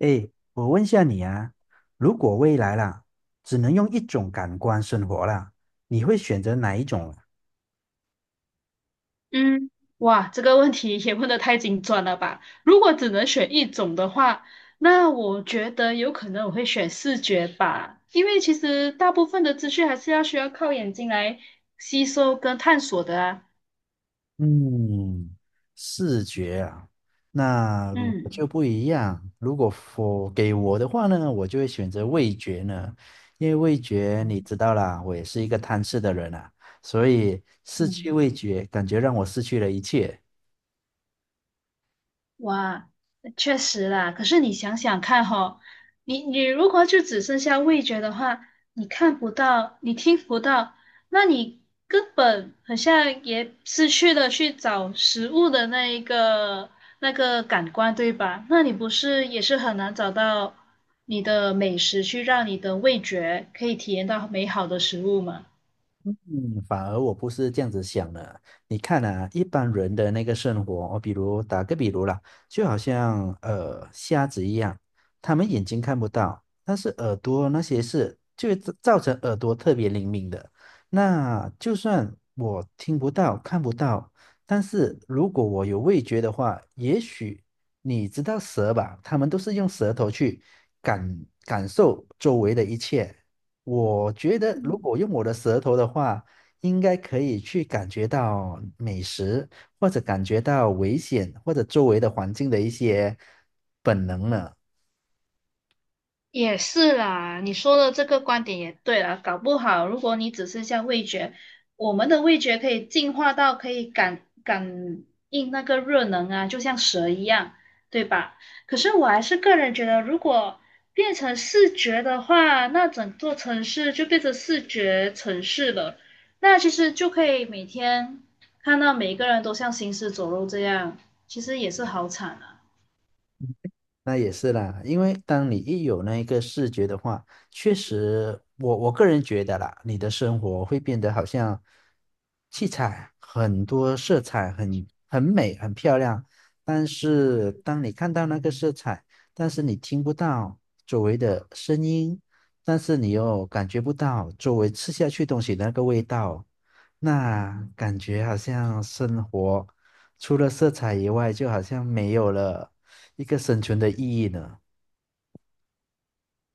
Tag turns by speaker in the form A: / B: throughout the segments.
A: 哎，我问下你啊，如果未来啦，只能用一种感官生活啦，你会选择哪一种啊？
B: 嗯，哇，这个问题也问得太精准了吧？如果只能选一种的话，那我觉得有可能我会选视觉吧，因为其实大部分的资讯还是要需要靠眼睛来吸收跟探索的啊。
A: 嗯，视觉啊。那如果
B: 嗯。
A: 就不一样。如果我给我的话呢，我就会选择味觉呢，因为味觉你知道啦，我也是一个贪吃的人啊，所以失去
B: 嗯
A: 味觉，感觉让我失去了一切。
B: 哇，确实啦。可是你想想看吼，你如果就只剩下味觉的话，你看不到，你听不到，那你根本好像也失去了去找食物的那个感官，对吧？那你不是也是很难找到你的美食去让你的味觉可以体验到美好的食物吗？
A: 嗯，反而我不是这样子想的啊。你看啊，一般人的那个生活，我比如打个比如啦，就好像瞎子一样，他们眼睛看不到，但是耳朵那些是就会造成耳朵特别灵敏的。那就算我听不到、看不到，但是如果我有味觉的话，也许你知道蛇吧，他们都是用舌头去感受周围的一切。我觉得如果用我的舌头的话，应该可以去感觉到美食，或者感觉到危险，或者周围的环境的一些本能呢。
B: 也是啦，你说的这个观点也对啦，搞不好如果你只剩下味觉，我们的味觉可以进化到可以感应那个热能啊，就像蛇一样，对吧？可是我还是个人觉得，如果变成视觉的话，那整座城市就变成视觉城市了。那其实就可以每天看到每一个人都像行尸走肉这样，其实也是好惨啊。
A: 那也是啦，因为当你一有那一个视觉的话，确实我我个人觉得啦，你的生活会变得好像七彩很多色彩很美很漂亮，但是当你看到那个色彩，但是你听不到周围的声音，但是你又感觉不到周围吃下去东西的那个味道，那感觉好像生活除了色彩以外，就好像没有了。一个生存的意义呢？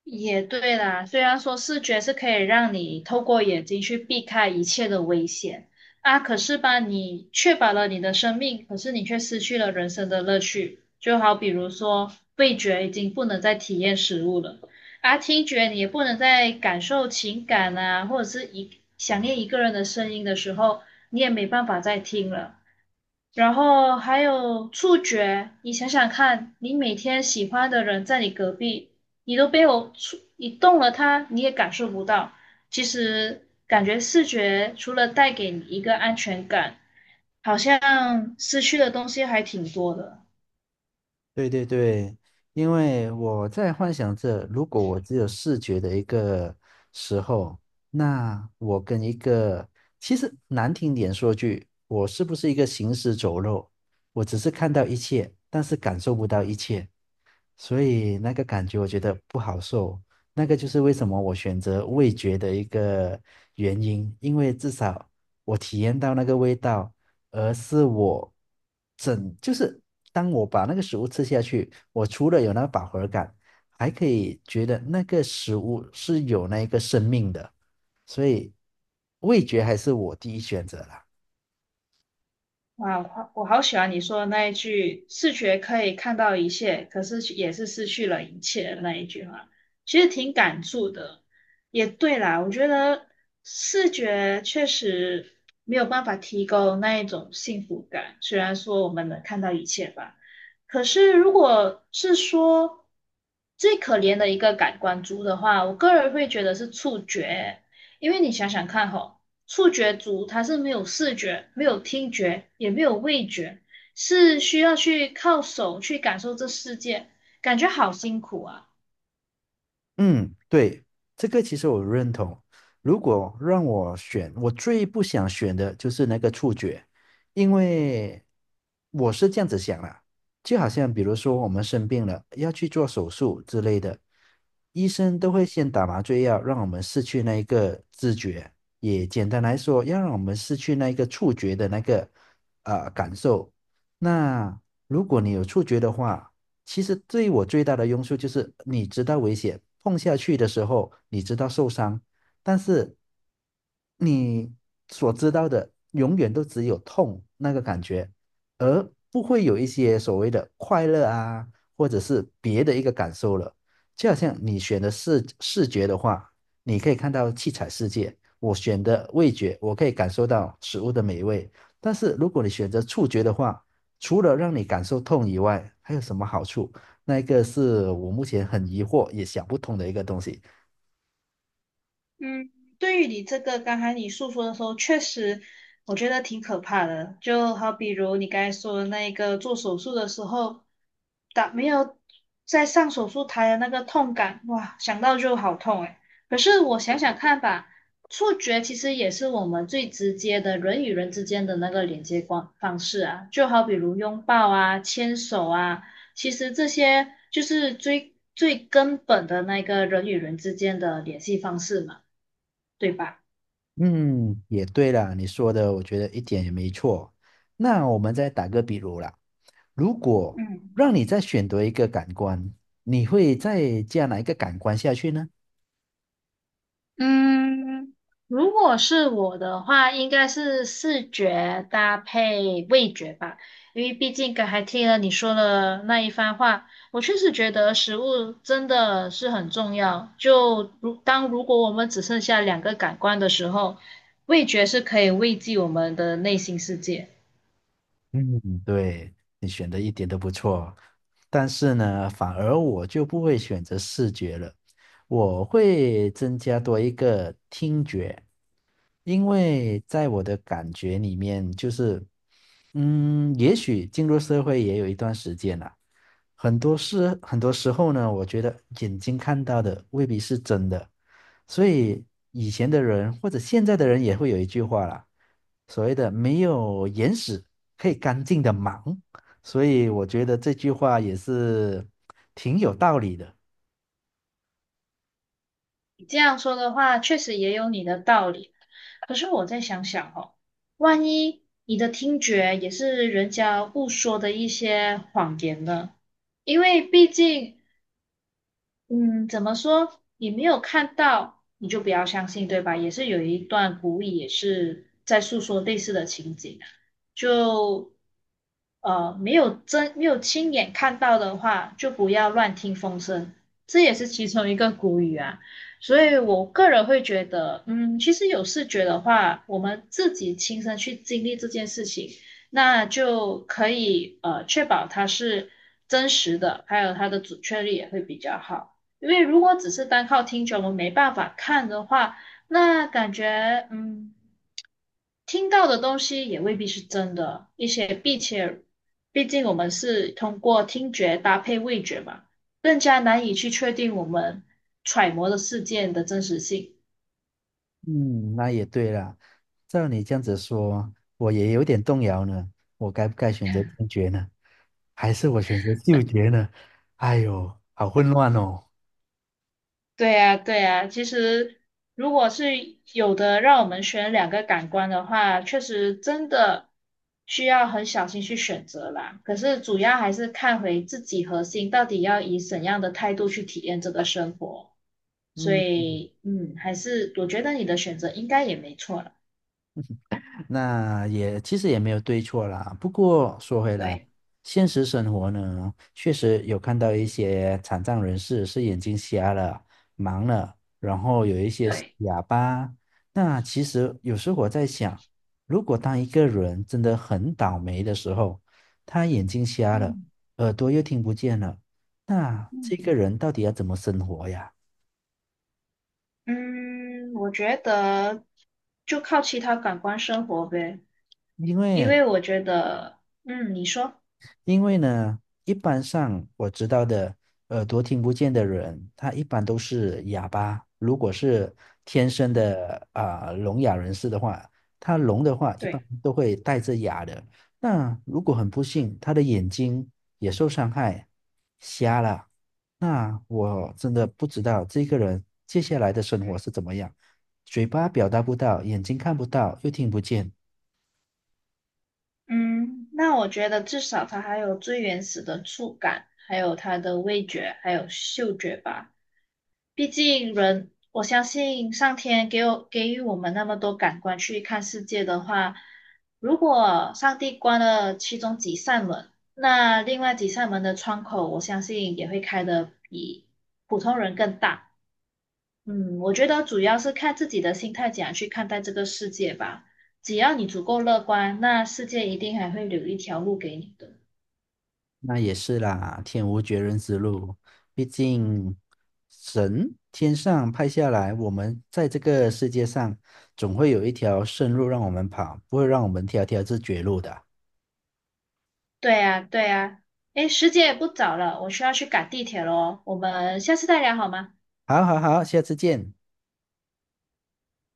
B: 也对啦，虽然说视觉是可以让你透过眼睛去避开一切的危险啊，可是吧，你确保了你的生命，可是你却失去了人生的乐趣。就好比如说，味觉已经不能再体验食物了，啊，听觉你也不能再感受情感啊，或者是想念一个人的声音的时候，你也没办法再听了。然后还有触觉，你想想看，你每天喜欢的人在你隔壁，你都没有触，你动了他，你也感受不到。其实感觉视觉除了带给你一个安全感，好像失去的东西还挺多的。
A: 对对对，因为我在幻想着，如果我只有视觉的一个时候，那我跟一个，其实难听点说句，我是不是一个行尸走肉？我只是看到一切，但是感受不到一切，所以那个感觉我觉得不好受。那个就是为什么我选择味觉的一个原因，因为至少我体验到那个味道。而是我整，就是当我把那个食物吃下去，我除了有那个饱和感，还可以觉得那个食物是有那一个生命的，所以味觉还是我第一选择啦。
B: 哇，我好喜欢你说的那一句“视觉可以看到一切，可是也是失去了一切”的那一句话，其实挺感触的。也对啦，我觉得视觉确实没有办法提供那一种幸福感，虽然说我们能看到一切吧，可是如果是说最可怜的一个感官猪的话，我个人会觉得是触觉，因为你想想看吼。触觉族它是没有视觉、没有听觉、也没有味觉，是需要去靠手去感受这世界，感觉好辛苦啊。
A: 嗯，对，这个其实我认同。如果让我选，我最不想选的就是那个触觉，因为我是这样子想啦，就好像比如说我们生病了，要去做手术之类的，医生都会先打麻醉药，让我们失去那一个知觉，也简单来说，要让我们失去那一个触觉的那个感受。那如果你有触觉的话，其实对我最大的用处就是你知道危险，碰下去的时候你知道受伤，但是你所知道的永远都只有痛那个感觉，而不会有一些所谓的快乐啊，或者是别的一个感受了。就好像你选的视觉的话，你可以看到七彩世界；我选的味觉，我可以感受到食物的美味。但是如果你选择触觉的话，除了让你感受痛以外，还有什么好处？那一个是我目前很疑惑也想不通的一个东西。
B: 嗯，对于你这个刚才你诉说的时候，确实我觉得挺可怕的。就好比如你刚才说的那个做手术的时候，打没有在上手术台的那个痛感，哇，想到就好痛诶。可是我想想看吧，触觉其实也是我们最直接的人与人之间的那个连接方式啊，就好比如拥抱啊、牵手啊。其实这些就是最最根本的那个人与人之间的联系方式嘛。对吧？
A: 嗯，也对啦，你说的我觉得一点也没错。那我们再打个比如啦，如果
B: 嗯
A: 让你再选择一个感官，你会再加哪一个感官下去呢？
B: 嗯，如果是我的话，应该是视觉搭配味觉吧，因为毕竟刚才听了你说的那一番话，我确实觉得食物真的是很重要。就如当如果我们只剩下两个感官的时候，味觉是可以慰藉我们的内心世界。
A: 嗯，对，你选的一点都不错，但是呢，反而我就不会选择视觉了，我会增加多一个听觉。因为在我的感觉里面，就是，嗯，也许进入社会也有一段时间了，很多事，很多时候呢，我觉得眼睛看到的未必是真的，所以以前的人或者现在的人也会有一句话啦，所谓的没有眼屎可以干净的忙，所以我觉得这句话也是挺有道理的。
B: 你这样说的话，确实也有你的道理。可是我再想想哦，万一你的听觉也是人家误说的一些谎言呢？因为毕竟嗯，怎么说？你没有看到，你就不要相信，对吧？也是有一段古语，也是在诉说类似的情景啊就没有没有亲眼看到的话，就不要乱听风声，这也是其中一个古语啊。所以我个人会觉得，嗯，其实有视觉的话，我们自己亲身去经历这件事情，那就可以确保它是真实的，还有它的准确率也会比较好。因为如果只是单靠听觉，我们没办法看的话，那感觉嗯，听到的东西也未必是真的，一些并且，毕竟我们是通过听觉搭配味觉嘛，更加难以去确定我们揣摩的事件的真实性。
A: 嗯，那也对了。照你这样子说，我也有点动摇呢。我该不该选择听觉呢？还是我选择嗅觉呢？哎呦，好混乱哦。
B: 对呀，对呀，其实如果是有的让我们选两个感官的话，确实真的需要很小心去选择啦。可是主要还是看回自己核心到底要以怎样的态度去体验这个生活。所
A: 嗯。
B: 以，嗯，还是我觉得你的选择应该也没错了。
A: 那也其实也没有对错啦。不过说回来，
B: 对，
A: 现实生活呢，确实有看到一些残障人士是眼睛瞎了、盲了，然后有一些是
B: 对。
A: 哑巴。那其实有时候我在想，如果当一个人真的很倒霉的时候，他眼睛瞎了，
B: 嗯
A: 耳朵又听不见了，那这
B: 嗯，
A: 个人到底要怎么生活呀？
B: 嗯，我觉得就靠其他感官生活呗，
A: 因
B: 因
A: 为
B: 为我觉得，嗯，你说，
A: 因为呢，一般上我知道的耳朵听不见的人，他一般都是哑巴。如果是天生的啊、聋哑人士的话，他聋的话一般
B: 对。
A: 都会带着哑的。那如果很不幸，他的眼睛也受伤害，瞎了，那我真的不知道这个人接下来的生活是怎么样。嘴巴表达不到，眼睛看不到，又听不见，
B: 嗯，那我觉得至少它还有最原始的触感，还有它的味觉，还有嗅觉吧。毕竟人，我相信上天给我给予我们那么多感官去看世界的话，如果上帝关了其中几扇门，那另外几扇门的窗口，我相信也会开的比普通人更大。嗯，我觉得主要是看自己的心态怎样去看待这个世界吧。只要你足够乐观，那世界一定还会留一条路给你的。
A: 那也是啦，天无绝人之路，毕竟神天上派下来，我们在这个世界上总会有一条生路让我们跑，不会让我们条条是绝路的。
B: 对啊，对啊。诶，时间也不早了，我需要去赶地铁了哦，我们下次再聊好吗？
A: 好好好，下次见。